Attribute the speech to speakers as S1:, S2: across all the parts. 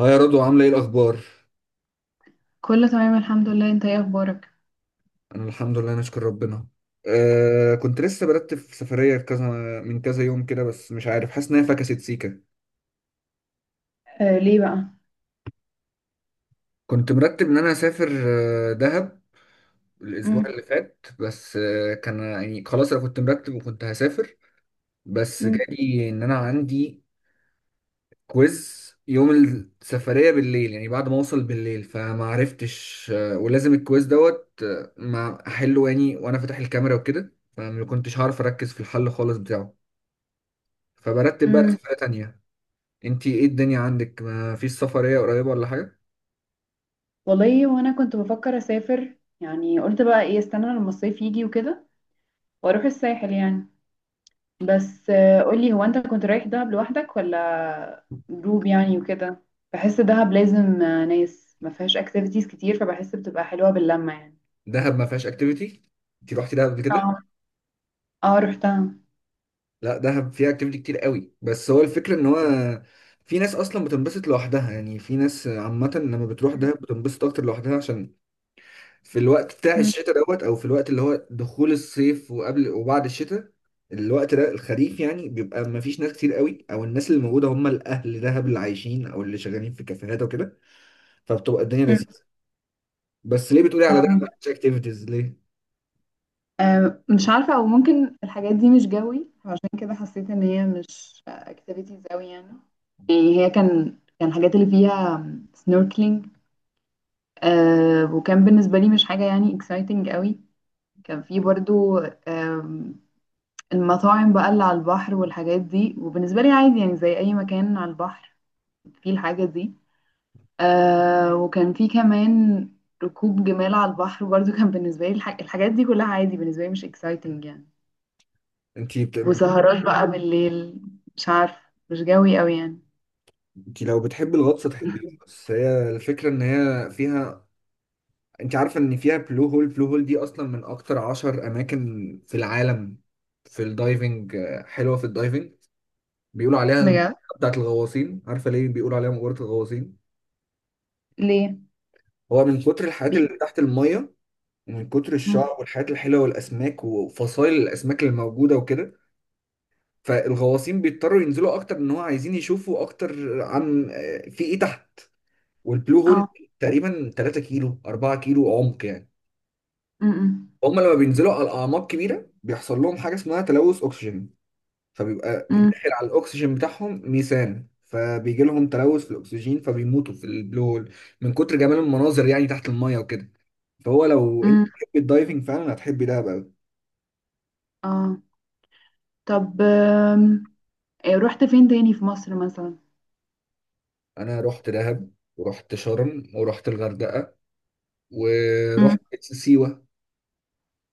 S1: اه يا رضوى، عاملة ايه الأخبار؟
S2: كله تمام الحمد لله، انت ايه اخبارك؟
S1: أنا الحمد لله نشكر ربنا. كنت لسه برتب في سفرية كذا من كذا يوم كده، بس مش عارف، حاسس إن هي فكست سيكة.
S2: آه، ليه بقى؟
S1: كنت مرتب إن أنا أسافر دهب الأسبوع
S2: مم.
S1: اللي فات، بس كان يعني خلاص أنا كنت مرتب وكنت هسافر، بس
S2: مم.
S1: جالي إن أنا عندي كويز يوم السفرية بالليل، يعني بعد ما أوصل بالليل، فما عرفتش ولازم الكويز دوت ما أحله يعني وأنا فاتح الكاميرا وكده، فما كنتش هعرف أركز في الحل خالص بتاعه. فبرتب بقى
S2: مم.
S1: سفرية تانية. انتي ايه الدنيا عندك، ما فيش سفرية قريبة ولا حاجة؟
S2: والله وانا كنت بفكر اسافر. يعني قلت بقى ايه، استنى لما الصيف يجي وكده، واروح الساحل يعني. بس آه، قولي، هو انت كنت رايح دهب لوحدك ولا جروب يعني وكده؟ بحس دهب لازم ناس، ما فيهاش اكتيفيتيز كتير، فبحس بتبقى حلوة باللمة يعني.
S1: دهب ما فيهاش اكتيفيتي؟ انتي روحتي دهب قبل كده؟
S2: اه، اه، رحتها.
S1: لا، دهب فيها اكتيفيتي كتير قوي، بس هو الفكرة ان هو في ناس اصلا بتنبسط لوحدها، يعني في ناس عامة لما بتروح دهب بتنبسط اكتر لوحدها عشان في الوقت بتاع
S2: مم.
S1: الشتاء دوت او في الوقت اللي هو دخول الصيف وقبل وبعد الشتاء، الوقت ده الخريف، يعني بيبقى ما فيش ناس كتير قوي، او الناس اللي موجودة هم الاهل، دهب اللي عايشين او اللي شغالين في كافيهات وكده، فبتبقى الدنيا
S2: مم.
S1: لذيذة. بس ليه بتقولي على ده
S2: اه.
S1: مفيش اكتيفيتيز ليه؟
S2: مش عارفة، أو ممكن الحاجات دي مش جوي، عشان كده حسيت إن هي مش اكتيفيتيز أوي يعني. يعني هي كان الحاجات اللي فيها سنوركلينج، وكان بالنسبة لي مش حاجة يعني اكسايتنج قوي. كان في برضو، آم، المطاعم بقى اللي على البحر والحاجات دي، وبالنسبة لي عادي يعني، زي أي مكان على البحر فيه الحاجة دي. وكان في كمان ركوب جمال على البحر برضو كان بالنسبة لي الحاجات دي كلها عادي، بالنسبة لي مش اكسايتنج يعني.
S1: انت بت...
S2: وسهرات بقى بالليل، مش عارفة، مش جوي قوي يعني.
S1: انت لو بتحبي الغطس تحبيه، بس هي الفكره ان هي فيها، انت عارفه ان فيها بلو هول؟ بلو هول دي اصلا من اكتر عشر اماكن في العالم في الدايفنج، حلوه في الدايفنج، بيقولوا عليها المقبره
S2: بجد؟
S1: بتاعت الغواصين. عارفه ليه بيقولوا عليها مقبره الغواصين؟
S2: ليه؟
S1: هو من كتر الحاجات
S2: بي...
S1: اللي تحت الميه، ومن كتر
S2: مم.
S1: الشعب والحاجات الحلوه والاسماك وفصائل الاسماك اللي موجوده وكده، فالغواصين بيضطروا ينزلوا اكتر، ان هو عايزين يشوفوا اكتر عن في ايه تحت. والبلو هول
S2: اه.
S1: تقريبا 3 كيلو 4 كيلو عمق يعني.
S2: مم.
S1: هم لما بينزلوا على اعماق كبيره بيحصل لهم حاجه اسمها تلوث اكسجين، فبيبقى
S2: مم.
S1: داخل على الاكسجين بتاعهم ميثان، فبيجي لهم تلوث في الاكسجين، فبيموتوا في البلو هول من كتر جمال المناظر، يعني تحت الميه وكده. فهو لو انت
S2: مم.
S1: بتحبي الدايفنج فعلا هتحبي دهب قوي.
S2: اه. طب، إيه، رحت فين تاني في مصر مثلا؟
S1: انا رحت دهب ورحت شرم ورحت الغردقه
S2: مم.
S1: ورحت سيوه.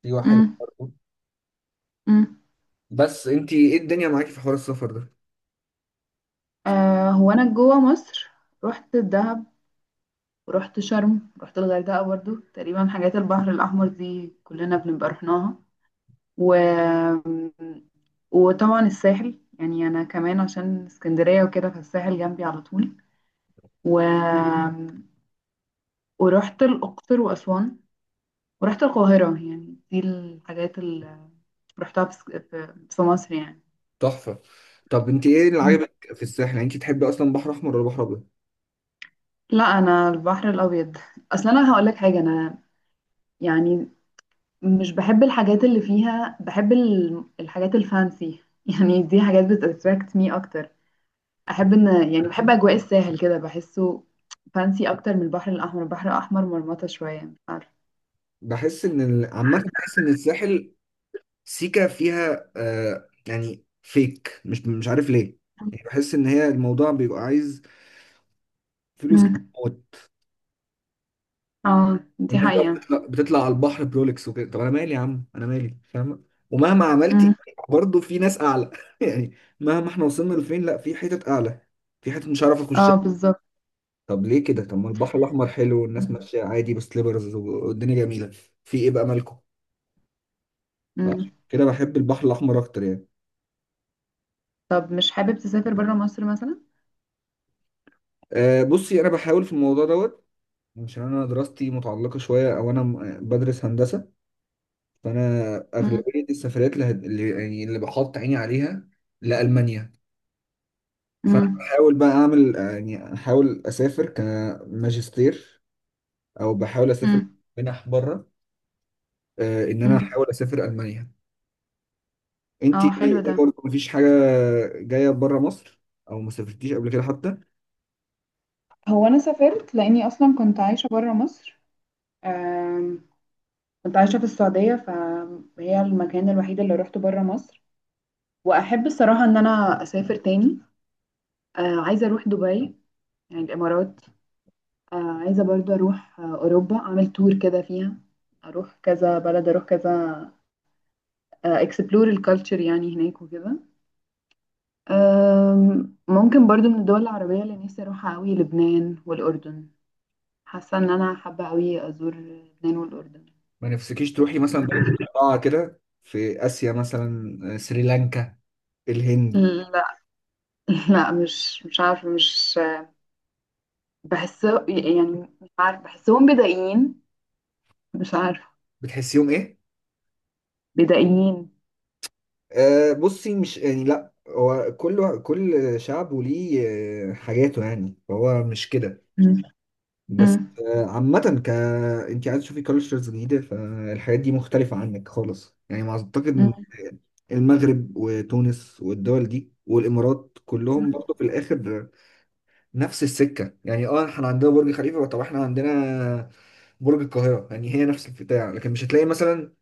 S1: سيوه حلوه
S2: مم.
S1: برضه.
S2: مم.
S1: بس انت ايه الدنيا معاكي في حوار السفر ده؟
S2: هو انا جوه مصر، رحت الدهب، ورحت شرم، رحت الغردقة برضو، تقريبا حاجات البحر الأحمر دي كلنا بنبقى رحناها. و... وطبعا الساحل، يعني انا كمان عشان اسكندرية وكده، فالساحل جنبي على طول. و... ورحت الأقصر وأسوان، ورحت القاهرة. يعني دي الحاجات اللي رحتها في س- في في مصر يعني.
S1: تحفة. طب انت ايه اللي
S2: مم.
S1: عاجبك في الساحل، يعني انت تحبي اصلا بحر احمر ولا بحر ابيض؟
S2: لا، أنا البحر الأبيض. أصلا أنا هقولك حاجة، أنا يعني مش بحب الحاجات اللي فيها، بحب الحاجات الفانسي يعني، دي حاجات بتأتراكت مي أكتر. أحب إن، يعني بحب أجواء الساحل كده، بحسه فانسي أكتر من البحر الأحمر. البحر الأحمر مرمطة شوية، مش عارفة.
S1: بحس ان عامة بحس ان الساحل سيكا فيها يعني فيك، مش عارف ليه، يعني بحس ان هي الموضوع بيبقى عايز فلوس كتير
S2: مم.
S1: موت.
S2: اه، دي
S1: والناس بقى
S2: حقيقة.
S1: بتطلع على البحر برولكس وكده. طب انا مالي يا عم، انا مالي فاهم. ومهما
S2: مم.
S1: عملتي برضه في ناس اعلى يعني مهما احنا وصلنا لفين، لا، في حتت اعلى، في حتت مش عارف اخش.
S2: اه، بالظبط.
S1: طب ليه كده؟ طب ما البحر الاحمر حلو والناس ماشيه عادي بسليبرز والدنيا جميله، في ايه بقى مالكم؟
S2: مم.
S1: فعشان كده بحب البحر الاحمر اكتر يعني.
S2: طب مش حابب تسافر بره مصر مثلا؟
S1: أه بصي، انا بحاول في الموضوع دوت، عشان انا دراستي متعلقه شويه، او انا بدرس هندسه، فانا
S2: مم.
S1: اغلبيه السفريات اللي, هد- اللي يعني اللي بحط عيني عليها لالمانيا، فانا
S2: مم.
S1: بحاول بقى اعمل يعني احاول اسافر كماجستير او بحاول اسافر
S2: مم.
S1: منح بره. أه ان انا
S2: مم.
S1: احاول اسافر المانيا. انت
S2: اه، حلو ده.
S1: برضه مفيش حاجه جايه بره مصر، او ما سافرتيش قبل كده حتى؟
S2: هو انا سافرت لاني اصلا كنت عايشه بره مصر، آم، كنت عايشه في السعوديه، فهي المكان الوحيد اللي روحته بره مصر. واحب الصراحه ان انا اسافر تاني. عايزه اروح دبي، يعني الامارات. عايزه برضو اروح اوروبا، اعمل تور كده فيها، اروح كذا بلد، اروح كذا، اكسبلور الكالتشر يعني هناك وكده. ممكن برضو من الدول العربية اللي نفسي أروحها أوي لبنان والأردن. حاسة إن أنا حابة أوي أزور لبنان والأردن.
S1: ما نفسكيش تروحي مثلا بلد مقطعه كده في اسيا مثلا، سريلانكا، الهند؟
S2: لا لا، مش عارفة، مش بحس يعني، مش عارفة، بحسهم بدائيين، مش عارفة،
S1: بتحسيهم ايه؟
S2: بدائيين.
S1: أه بصي مش يعني لا، هو كل شعب وليه حاجاته، يعني هو مش كده
S2: مم.
S1: بس،
S2: مم.
S1: عامة، ك انت عايز تشوفي كالتشرز جديدة، فالحاجات دي مختلفة عنك خالص يعني، ما اعتقد إن المغرب وتونس والدول دي والامارات كلهم
S2: مم.
S1: برضه في الاخر نفس السكه يعني. اه احنا عندنا برج خليفه، طب احنا عندنا برج القاهره، يعني هي نفس البتاع، لكن مش هتلاقي مثلا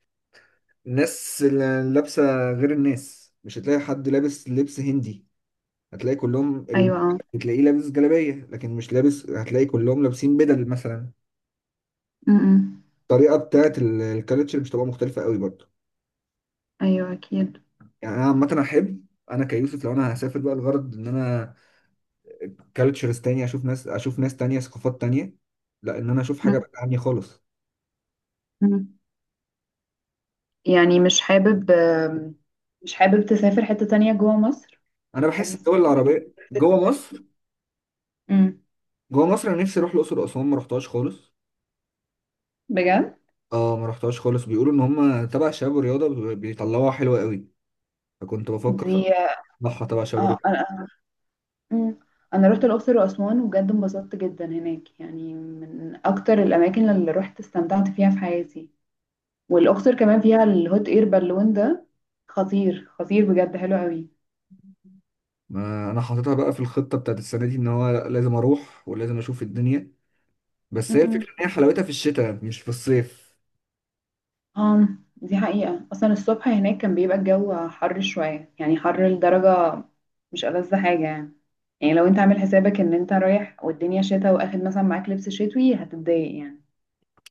S1: الناس اللي لابسه غير الناس، مش هتلاقي حد لابس لبس هندي، هتلاقي كلهم
S2: أيوة، آه.
S1: هتلاقيه لابس جلابيه، لكن مش لابس، هتلاقي كلهم لابسين بدل مثلا.
S2: مم. مم.
S1: الطريقه بتاعت الكالتشر مش هتبقى مختلفه قوي برضه.
S2: أيوة، أكيد.
S1: يعني انا عامه احب، انا كيوسف لو انا هسافر بقى الغرض ان انا كالتشرز تانية، اشوف ناس تانية، ثقافات تانية، لا ان انا اشوف حاجه
S2: مم.
S1: بعيدة عني خالص.
S2: مم. يعني مش حابب تسافر حتة تانية جوا مصر؟
S1: انا بحس
S2: حاسس
S1: الدول
S2: إنك-
S1: العربيه جوه مصر
S2: مم.
S1: جوه مصر انا نفسي اروح الاقصر واسوان، ما رحتهاش خالص.
S2: بجد؟
S1: اه ما رحتهاش خالص، بيقولوا ان هم تبع شباب الرياضه بيطلعوها حلوه قوي، فكنت بفكر
S2: دي.
S1: اطلعها تبع شباب
S2: اه،
S1: الرياضه.
S2: انا أمم. انا رحت الاقصر واسوان، وبجد انبسطت جدا هناك، يعني من اكتر الاماكن اللي رحت استمتعت فيها في حياتي. والاقصر كمان فيها الهوت اير بالون ده، خطير خطير، بجد حلو قوي.
S1: ما انا حاططها بقى في الخطه بتاعت السنه دي ان هو لأ، لازم اروح ولازم اشوف الدنيا. بس هي
S2: أمم.
S1: الفكره ان هي حلاوتها في الشتاء مش في الصيف.
S2: اه، دي حقيقة، اصلا الصبح هناك كان بيبقى الجو حر شوية، يعني حر لدرجة مش ألذ حاجة يعني. يعني لو انت عامل حسابك ان انت رايح والدنيا شتا، واخد مثلا معاك لبس شتوي، هتتضايق يعني.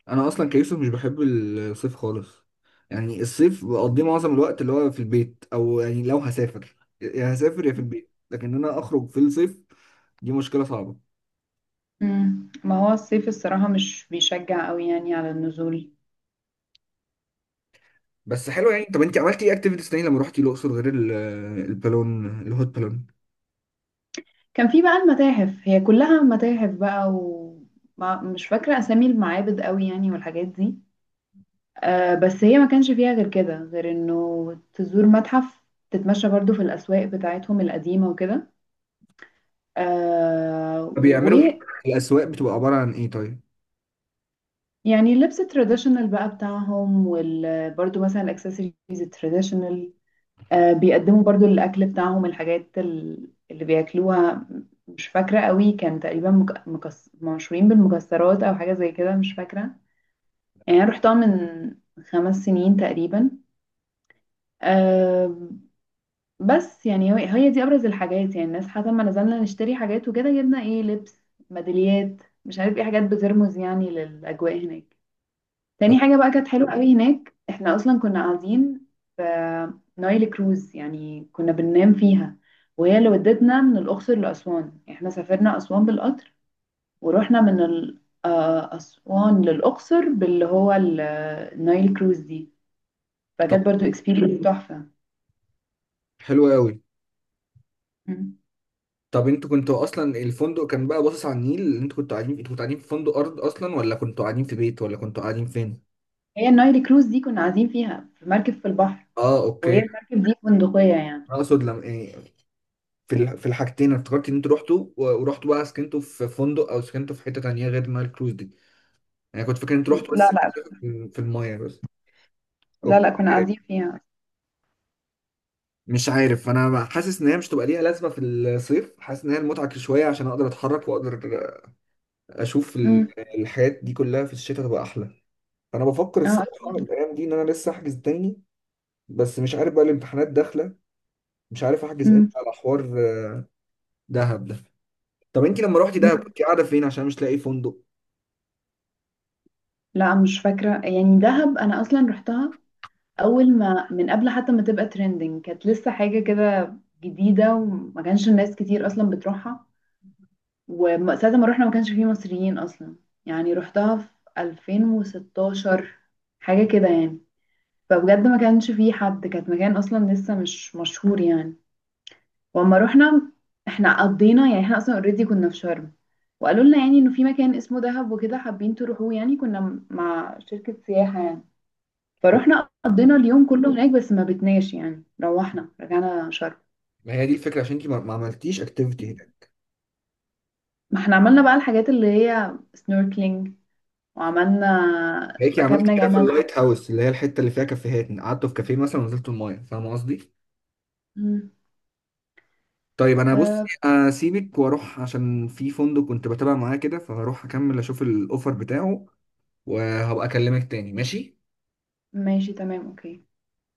S1: انا اصلا كيوسف مش بحب الصيف خالص، يعني الصيف بقضيه معظم الوقت اللي هو في البيت، او يعني لو هسافر يا هسافر يا في البيت، لكن إن انا اخرج في الصيف دي مشكله صعبه.
S2: مم. ما هو الصيف الصراحة مش بيشجع قوي يعني على النزول.
S1: بس حلو يعني. طب انت عملتي ايه اكتيفيتيز تاني لما رحتي الاقصر غير البالون الهوت بالون؟
S2: كان في بقى المتاحف، هي كلها متاحف بقى، ومش فاكرة أسامي المعابد قوي يعني والحاجات دي. بس هي ما كانش فيها غير كده، غير إنه تزور متحف، تتمشى برضو في الأسواق بتاعتهم القديمة وكده.
S1: طب بيعملوا ايه؟
S2: ويعني
S1: الاسواق بتبقى عباره عن ايه طيب؟
S2: اللبس التراديشنال بقى بتاعهم، وبرضو مثلا الأكسسوارز التراديشنال، بيقدموا برضو الأكل بتاعهم، الحاجات اللي بياكلوها. مش فاكرة قوي، كان تقريبا مشهورين بالمكسرات أو حاجة زي كده، مش فاكرة. يعني أنا رحتها من 5 سنين تقريبا. أه، بس يعني، هي دي أبرز الحاجات، يعني الناس حتى ما نزلنا نشتري حاجات وكده، جبنا إيه، لبس، ميداليات، مش عارف إيه، حاجات بترمز يعني للأجواء هناك. تاني
S1: طب
S2: حاجة بقى كانت حلوة قوي هناك، احنا اصلا كنا قاعدين في نايل كروز، يعني كنا بننام فيها، وهي اللي ودتنا من الأقصر لأسوان. احنا سافرنا أسوان بالقطر، ورحنا من أسوان للأقصر باللي هو النايل كروز دي.
S1: طب
S2: فكانت برضو اكسبيرينس تحفة.
S1: حلو قوي.
S2: مم.
S1: طب انتوا كنتوا اصلا الفندق كان بقى باصص على النيل، انتوا كنتوا قاعدين في فندق ارض اصلا، ولا كنتوا قاعدين في بيت، ولا كنتوا قاعدين فين؟
S2: هي النايل كروز دي كنا قاعدين فيها في مركب في البحر،
S1: اه
S2: وهي
S1: اوكي.
S2: المركب دي فندقية يعني.
S1: انا اقصد لما ايه، في الحاجتين انا افتكرت ان انتوا رحتوا ورحتوا بقى سكنتوا في فندق او سكنتوا في حته تانيه غير نايل كروز دي. انا كنت فاكر ان انتوا رحتوا
S2: لا،
S1: بس
S2: لا،
S1: في المايه بس.
S2: لا، لا، كنا
S1: اوكي.
S2: قاعدين فيها.
S1: مش عارف، انا حاسس ان هي مش تبقى ليها لازمه في الصيف، حاسس ان هي المتعه شويه، عشان اقدر اتحرك واقدر اشوف
S2: مم.
S1: الحاجات دي كلها في الشتاء تبقى احلى. فانا بفكر
S2: اه،
S1: الصراحه
S2: اكيد.
S1: الايام دي ان انا لسه احجز تاني. بس مش عارف بقى الامتحانات داخله، مش عارف احجز امتى
S2: مم.
S1: على حوار دهب ده. طب انت لما روحتي دهب كنت قاعده فين عشان مش لاقي فندق؟
S2: لا، مش فاكرة يعني، دهب أنا أصلا رحتها أول ما، من قبل حتى ما تبقى ترندنج، كانت لسه حاجة كده جديدة، وما كانش الناس كتير أصلا بتروحها. وساعة ما رحنا ما كانش فيه مصريين أصلا. يعني رحتها في 2016، حاجة كده يعني، فبجد ما كانش فيه حد، كانت مكان أصلا لسه مش مشهور يعني. وأما رحنا، احنا قضينا، يعني احنا أصلا اوريدي كنا في شرم، وقالوا لنا يعني إنه في مكان اسمه دهب وكده، حابين تروحوه، يعني كنا مع شركة سياحة يعني.
S1: أو-
S2: فروحنا قضينا اليوم كله هناك، بس ما بتناش يعني، روحنا رجعنا شرم.
S1: ما هي دي الفكره، عشان انت ما عملتيش اكتيفيتي هناك.
S2: ما احنا عملنا بقى الحاجات اللي هي سنوركلينج، وعملنا
S1: هيك عملتي
S2: ركبنا
S1: كده في
S2: جمل.
S1: اللايت هاوس اللي هي الحته اللي فيها كافيهات، قعدتوا في كافيه مثلا ونزلتوا المايه، فاهم قصدي؟
S2: مم.
S1: طيب انا بص
S2: آه.
S1: اسيبك واروح، عشان في فندق كنت بتابع معاه كده، فهروح اكمل اشوف الاوفر بتاعه وهبقى اكلمك تاني ماشي.
S2: ماشي، تمام، اوكي.